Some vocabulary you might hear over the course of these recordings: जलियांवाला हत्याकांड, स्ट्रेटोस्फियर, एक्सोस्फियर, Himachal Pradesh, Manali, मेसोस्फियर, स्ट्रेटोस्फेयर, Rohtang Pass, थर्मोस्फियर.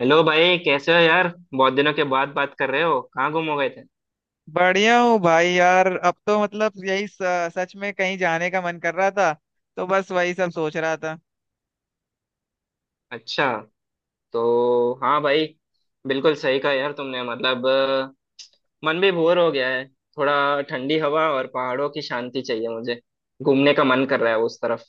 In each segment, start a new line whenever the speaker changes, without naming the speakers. Hello भाई, कैसे हो यार। बहुत दिनों के बाद बात कर रहे हो, कहाँ गुम हो गए थे।
बढ़िया हूँ भाई। यार अब तो मतलब यही सच में कहीं जाने का मन कर रहा था तो बस वही सब सोच रहा था।
अच्छा। तो हाँ भाई, बिल्कुल सही कहा यार तुमने। मतलब मन भी बोर हो गया है। थोड़ा ठंडी हवा और पहाड़ों की शांति चाहिए मुझे। घूमने का मन कर रहा है उस तरफ।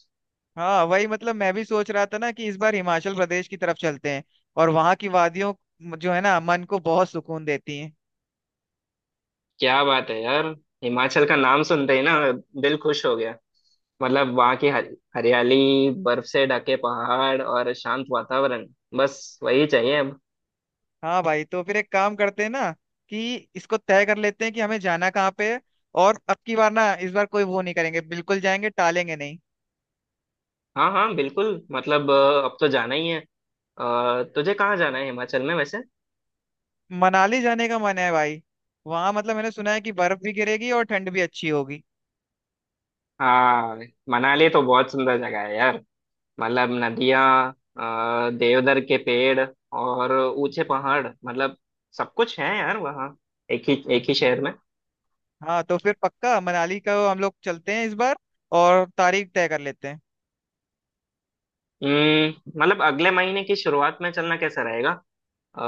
हाँ वही मतलब मैं भी सोच रहा था ना कि इस बार हिमाचल प्रदेश की तरफ चलते हैं और वहाँ की वादियों जो है ना मन को बहुत सुकून देती हैं।
क्या बात है यार, हिमाचल का नाम सुनते ही ना दिल खुश हो गया। मतलब वहाँ की हरियाली, बर्फ से ढके पहाड़ और शांत वातावरण, बस वही चाहिए अब।
हाँ भाई तो फिर एक काम करते हैं ना कि इसको तय कर लेते हैं कि हमें जाना कहाँ पे है। और अब की बार ना इस बार कोई वो नहीं करेंगे, बिल्कुल जाएंगे, टालेंगे नहीं।
हाँ हाँ बिल्कुल। मतलब अब तो जाना ही है। तुझे कहाँ जाना है हिमाचल में वैसे।
मनाली जाने का मन है भाई। वहाँ मतलब मैंने सुना है कि बर्फ भी गिरेगी और ठंड भी अच्छी होगी।
हाँ, मनाली तो बहुत सुंदर जगह है यार। मतलब नदियाँ, देवदार के पेड़ और ऊंचे पहाड़, मतलब सब कुछ है यार वहाँ, एक ही शहर में।
हाँ तो फिर पक्का मनाली का हम लोग चलते हैं इस बार, और तारीख तय कर लेते हैं।
हम्म, मतलब अगले महीने की शुरुआत में चलना कैसा रहेगा। अ,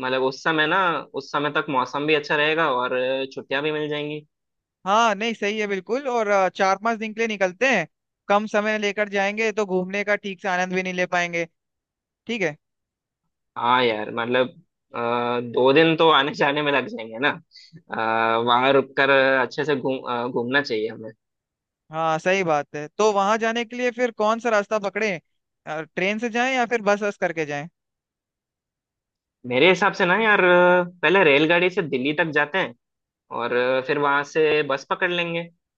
मतलब उस समय ना, उस समय तक मौसम भी अच्छा रहेगा और छुट्टियाँ भी मिल जाएंगी।
हाँ नहीं सही है बिल्कुल। और चार पांच दिन के लिए निकलते हैं। कम समय लेकर जाएंगे तो घूमने का ठीक से आनंद भी नहीं ले पाएंगे। ठीक है।
हाँ यार, मतलब अ, 2 दिन तो आने जाने में लग जाएंगे ना। वहाँ रुककर अच्छे से घूमना चाहिए हमें।
हाँ सही बात है। तो वहां जाने के लिए फिर कौन सा रास्ता पकड़े, ट्रेन से जाएं या फिर बस बस करके जाएं।
मेरे हिसाब से ना यार पहले रेलगाड़ी से दिल्ली तक जाते हैं, और फिर वहां से बस पकड़ लेंगे। अ,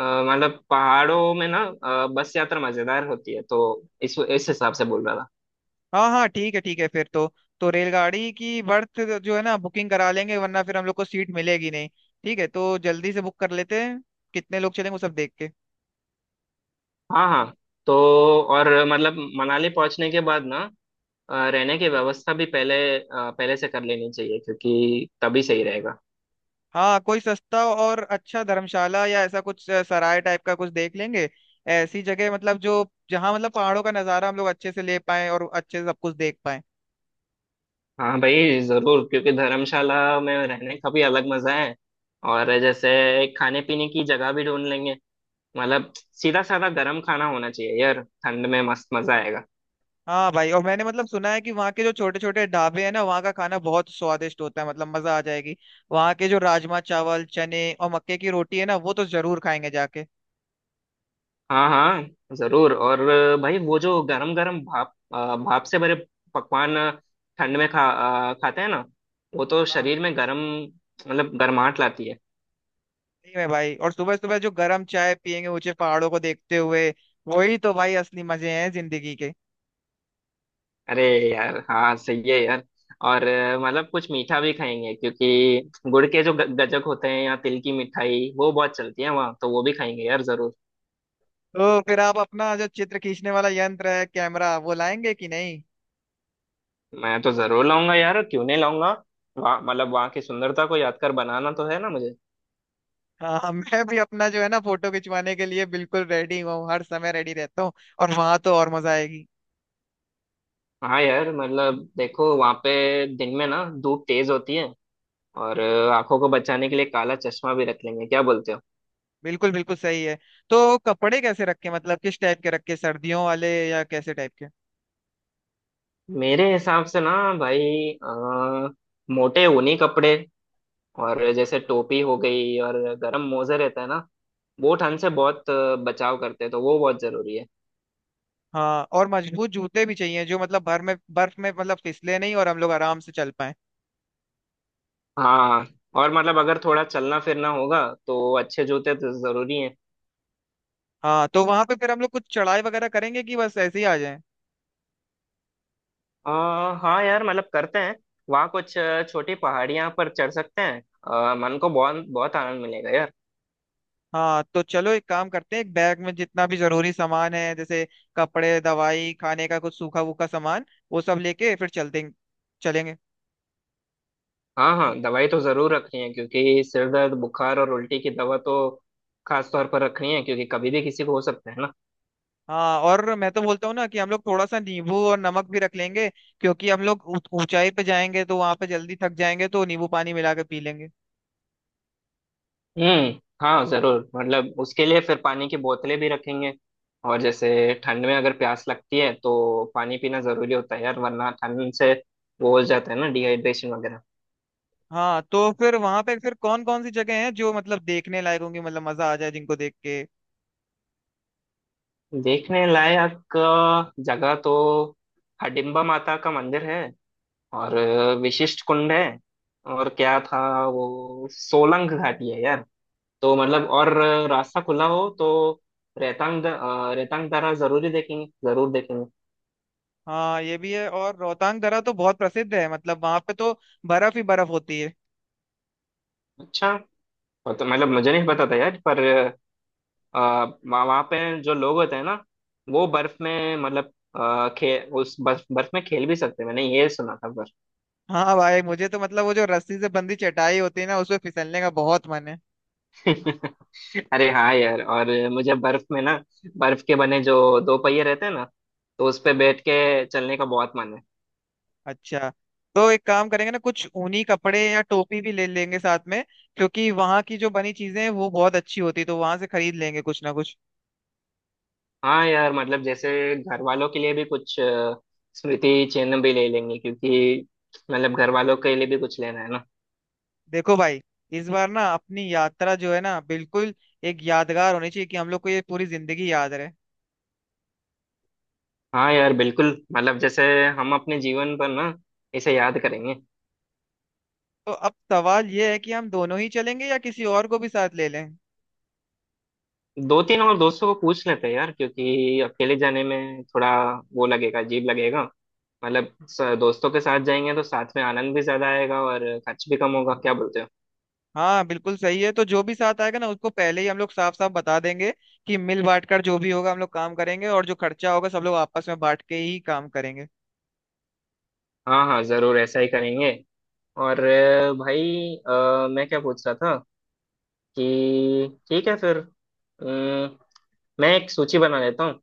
मतलब पहाड़ों में ना, बस यात्रा मजेदार होती है, तो इस हिसाब से बोल रहा था।
हाँ हाँ, ठीक है फिर तो। तो रेलगाड़ी की बर्थ जो है ना बुकिंग करा लेंगे वरना फिर हम लोग को सीट मिलेगी नहीं। ठीक है तो जल्दी से बुक कर लेते हैं, कितने लोग चलेंगे वो सब देख के।
हाँ हाँ। तो और मतलब मनाली पहुंचने के बाद ना, रहने की व्यवस्था भी पहले से कर लेनी चाहिए, क्योंकि तभी सही रहेगा।
हाँ कोई सस्ता और अच्छा धर्मशाला या ऐसा कुछ सराय टाइप का कुछ देख लेंगे। ऐसी जगह मतलब जो, जहाँ मतलब पहाड़ों का नज़ारा हम लोग अच्छे से ले पाए और अच्छे से सब कुछ देख पाए।
हाँ भाई जरूर, क्योंकि धर्मशाला में रहने का भी अलग मजा है। और जैसे खाने पीने की जगह भी ढूंढ लेंगे। मतलब सीधा साधा गर्म खाना होना चाहिए यार, ठंड में मस्त मजा आएगा।
हाँ भाई। और मैंने मतलब सुना है कि वहाँ के जो छोटे छोटे ढाबे हैं ना वहाँ का खाना बहुत स्वादिष्ट होता है, मतलब मजा आ जाएगी। वहाँ के जो राजमा चावल चने और मक्के की रोटी है ना वो तो जरूर खाएंगे जाके।
हाँ हाँ जरूर। और भाई वो जो गरम गरम भाप से भरे पकवान ठंड में खाते हैं ना, वो तो
हाँ हाँ,
शरीर में गरम, मतलब गर्माहट लाती है।
सही में भाई। और सुबह सुबह जो गर्म चाय पियेंगे ऊंचे पहाड़ों को देखते हुए, वही तो भाई असली मजे हैं जिंदगी के।
अरे यार, हाँ सही है यार। और मतलब कुछ मीठा भी खाएंगे, क्योंकि गुड़ के जो गजक होते हैं या तिल की मिठाई, वो बहुत चलती है वहाँ, तो वो भी खाएंगे यार जरूर।
तो फिर आप अपना जो चित्र खींचने वाला यंत्र है कैमरा वो लाएंगे कि नहीं।
मैं तो जरूर लाऊंगा यार, क्यों नहीं लाऊंगा। वहाँ, मतलब वहाँ की सुंदरता को यादगार बनाना तो है ना मुझे।
हाँ मैं भी अपना जो है ना फोटो खिंचवाने के लिए बिल्कुल रेडी हूँ, हर समय रेडी रहता हूँ। और वहां तो और मजा आएगी।
हाँ यार, मतलब देखो वहाँ पे दिन में ना धूप तेज होती है, और आंखों को बचाने के लिए काला चश्मा भी रख लेंगे, क्या बोलते हो।
बिल्कुल बिल्कुल सही है। तो कपड़े कैसे रखे, मतलब किस टाइप के रखे, सर्दियों वाले या कैसे टाइप के।
मेरे हिसाब से ना भाई, मोटे ऊनी कपड़े, और जैसे टोपी हो गई और गर्म मोजे रहता है ना, वो ठंड से बहुत बचाव करते हैं, तो वो बहुत जरूरी है।
हाँ और मजबूत जूते भी चाहिए जो मतलब भर में बर्फ में मतलब फिसले नहीं और हम लोग आराम से चल पाए।
हाँ, और मतलब अगर थोड़ा चलना फिरना होगा, तो अच्छे जूते तो जरूरी है।
हाँ तो वहां पे फिर हम लोग कुछ चढ़ाई वगैरह करेंगे कि बस ऐसे ही आ जाए।
हाँ यार मतलब करते हैं। वहाँ कुछ छोटी पहाड़ियाँ पर चढ़ सकते हैं। मन को बहुत बहुत आनंद मिलेगा यार।
हाँ तो चलो एक काम करते हैं, एक बैग में जितना भी जरूरी सामान है जैसे कपड़े दवाई खाने का कुछ सूखा वूखा सामान, वो सब लेके फिर चलते चलेंगे।
हाँ हाँ, दवाई तो जरूर रखनी है, क्योंकि सिर दर्द, बुखार और उल्टी की दवा तो खास तौर पर रखनी है, क्योंकि कभी भी किसी को हो सकता है ना।
हाँ और मैं तो बोलता हूँ ना कि हम लोग थोड़ा सा नींबू और नमक भी रख लेंगे क्योंकि हम लोग ऊंचाई पे जाएंगे तो वहां पे जल्दी थक जाएंगे तो नींबू पानी मिला के पी लेंगे।
हम्म। हाँ जरूर, मतलब उसके लिए फिर पानी की बोतलें भी रखेंगे। और जैसे ठंड में अगर प्यास लगती है तो पानी पीना जरूरी होता है यार, वरना ठंड से वो हो जाता है ना, डिहाइड्रेशन वगैरह।
हाँ तो फिर वहां पे फिर कौन कौन सी जगह हैं जो मतलब देखने लायक होंगी, मतलब मजा आ जाए जिनको देख के।
देखने लायक जगह तो हडिम्बा माता का मंदिर है, और विशिष्ट कुंड है, और क्या था, वो सोलंग घाटी है यार। तो मतलब, और रास्ता खुला हो तो रेतांग दर्रा जरूरी देखेंगे, जरूर देखेंगे।
हाँ ये भी है। और रोहतांग दर्रा तो बहुत प्रसिद्ध है, मतलब वहां पे तो बर्फ ही बर्फ होती है।
अच्छा। और तो मतलब मुझे नहीं पता था यार, पर अ, वहाँ वहाँ पे जो लोग होते हैं ना, वो बर्फ में मतलब अ, खे उस बर्फ बर्फ में खेल भी सकते हैं, मैंने ये सुना था।
हाँ भाई मुझे तो मतलब वो जो रस्सी से बंधी चटाई होती है ना उसमें फिसलने का बहुत मन है।
अरे हाँ यार। और मुझे बर्फ में ना, बर्फ के बने जो दो पहिए रहते हैं ना, तो उस पे बैठ के चलने का बहुत मन है।
अच्छा। तो एक काम करेंगे ना, कुछ ऊनी कपड़े या टोपी भी ले लेंगे साथ में क्योंकि वहां की जो बनी चीजें हैं वो बहुत अच्छी होती है तो वहां से खरीद लेंगे कुछ ना कुछ।
हाँ यार, मतलब जैसे घर वालों के लिए भी कुछ स्मृति चिन्ह भी ले लेंगे, क्योंकि मतलब घर वालों के लिए भी कुछ लेना है ना।
देखो भाई, इस बार ना अपनी यात्रा जो है ना बिल्कुल एक यादगार होनी चाहिए कि हम लोग को ये पूरी जिंदगी याद रहे।
हाँ यार बिल्कुल, मतलब जैसे हम अपने जीवन पर ना इसे याद करेंगे।
तो अब सवाल ये है कि हम दोनों ही चलेंगे या किसी और को भी साथ ले लें।
दो तीन और दोस्तों को पूछ लेते हैं यार, क्योंकि अकेले जाने में थोड़ा वो लगेगा, अजीब लगेगा। मतलब दोस्तों के साथ जाएंगे तो साथ में आनंद भी ज्यादा आएगा और खर्च भी कम होगा, क्या बोलते हो।
हाँ बिल्कुल सही है। तो जो भी साथ आएगा ना उसको पहले ही हम लोग साफ साफ बता देंगे कि मिल बांट कर जो भी होगा हम लोग काम करेंगे, और जो खर्चा होगा सब लोग आपस में बांट के ही काम करेंगे।
हाँ हाँ जरूर, ऐसा ही करेंगे। और भाई मैं क्या पूछ रहा था, कि ठीक है फिर अम, मैं एक सूची बना लेता हूँ,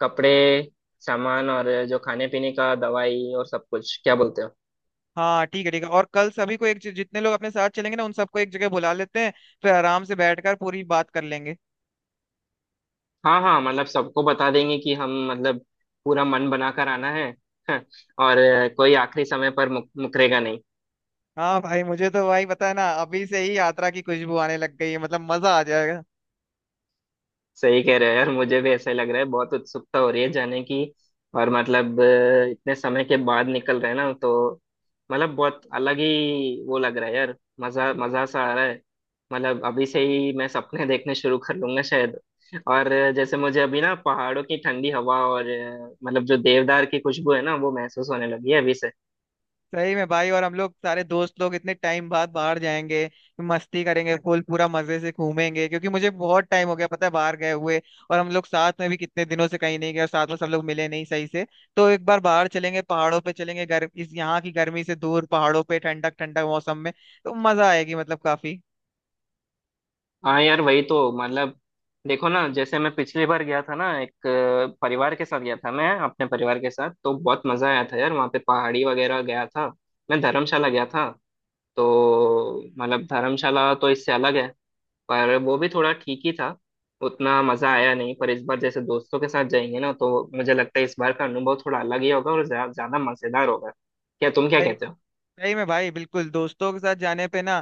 कपड़े, सामान, और जो खाने पीने का, दवाई और सब कुछ, क्या बोलते हो।
हाँ ठीक है ठीक है। और कल सभी को एक जितने लोग अपने साथ चलेंगे ना उन सबको एक जगह बुला लेते हैं, फिर आराम से बैठकर पूरी बात कर लेंगे।
हाँ हाँ, मतलब सबको बता देंगे कि हम मतलब पूरा मन बनाकर आना है। और कोई आखिरी समय पर मुकरेगा नहीं।
हाँ भाई मुझे तो भाई पता है ना, अभी से ही यात्रा की खुशबू आने लग गई है, मतलब मजा आ जाएगा।
सही कह रहे हो यार, मुझे भी ऐसा ही लग रहा है, बहुत उत्सुकता हो रही है जाने की। और मतलब इतने समय के बाद निकल रहे हैं ना, तो मतलब बहुत अलग ही वो लग रहा है यार, मजा मजा सा आ रहा है। मतलब अभी से ही मैं सपने देखने शुरू कर लूंगा शायद। और जैसे मुझे अभी ना पहाड़ों की ठंडी हवा, और मतलब जो देवदार की खुशबू है ना, वो महसूस होने लगी है अभी से।
सही में भाई। और हम लोग सारे दोस्त लोग इतने टाइम बाद बाहर जाएंगे, मस्ती करेंगे, फुल पूरा मजे से घूमेंगे क्योंकि मुझे बहुत टाइम हो गया पता है बाहर गए हुए। और हम लोग साथ में भी कितने दिनों से कहीं नहीं गए और साथ में सब लोग मिले नहीं सही से। तो एक बार बाहर चलेंगे, पहाड़ों पे चलेंगे, इस यहाँ की गर्मी से दूर पहाड़ों पे ठंडक ठंडक मौसम में, तो मजा आएगी मतलब काफी।
हाँ यार, वही तो, मतलब देखो ना, जैसे मैं पिछली बार गया था ना, एक परिवार के साथ गया था मैं, अपने परिवार के साथ, तो बहुत मजा आया था यार, वहाँ पे पहाड़ी वगैरह गया था, मैं धर्मशाला गया था। तो मतलब धर्मशाला तो इससे अलग है, पर वो भी थोड़ा ठीक ही था, उतना मजा आया नहीं। पर इस बार जैसे दोस्तों के साथ जाएंगे ना, तो मुझे लगता है इस बार का अनुभव थोड़ा अलग ही होगा, और ज्यादा मजेदार होगा। क्या, तुम क्या
सही
कहते हो।
सही में भाई, बिल्कुल दोस्तों के साथ जाने पे ना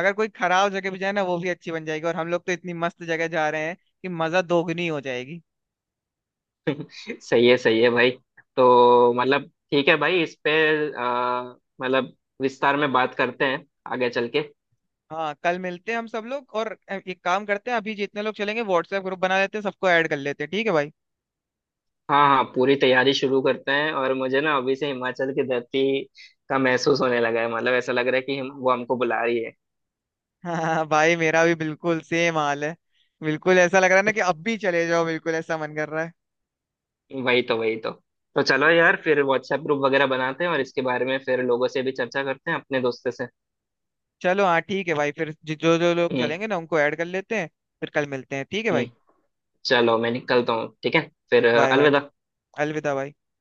अगर कोई खराब जगह भी जाए ना वो भी अच्छी बन जाएगी, और हम लोग तो इतनी मस्त जगह जा रहे हैं कि मजा दोगुनी हो जाएगी।
सही है, सही है भाई। तो मतलब ठीक है भाई, इस पे मतलब विस्तार में बात करते हैं आगे चल के।
हाँ कल मिलते हैं हम सब लोग, और एक काम करते हैं, अभी जितने लोग चलेंगे व्हाट्सएप ग्रुप बना लेते हैं, सबको ऐड कर लेते हैं, ठीक है भाई।
हाँ हाँ, पूरी तैयारी शुरू करते हैं, और मुझे ना अभी से हिमाचल की धरती का महसूस होने लगा है, मतलब ऐसा लग रहा है कि वो हमको बुला रही है।
हाँ भाई मेरा भी बिल्कुल सेम हाल है। बिल्कुल ऐसा लग रहा है ना कि अब भी चले जाओ, बिल्कुल ऐसा मन कर रहा है।
वही तो, वही तो। तो चलो यार, फिर व्हाट्सएप ग्रुप वगैरह बनाते हैं, और इसके बारे में फिर लोगों से भी चर्चा करते हैं अपने दोस्तों से।
चलो हाँ, ठीक है भाई। फिर जो जो लोग
हम्म।
चलेंगे ना उनको ऐड कर लेते हैं। फिर कल मिलते हैं ठीक है
हम्म।
भाई।
चलो मैं निकलता हूँ, ठीक है फिर,
बाय बाय।
अलविदा।
अलविदा भाई।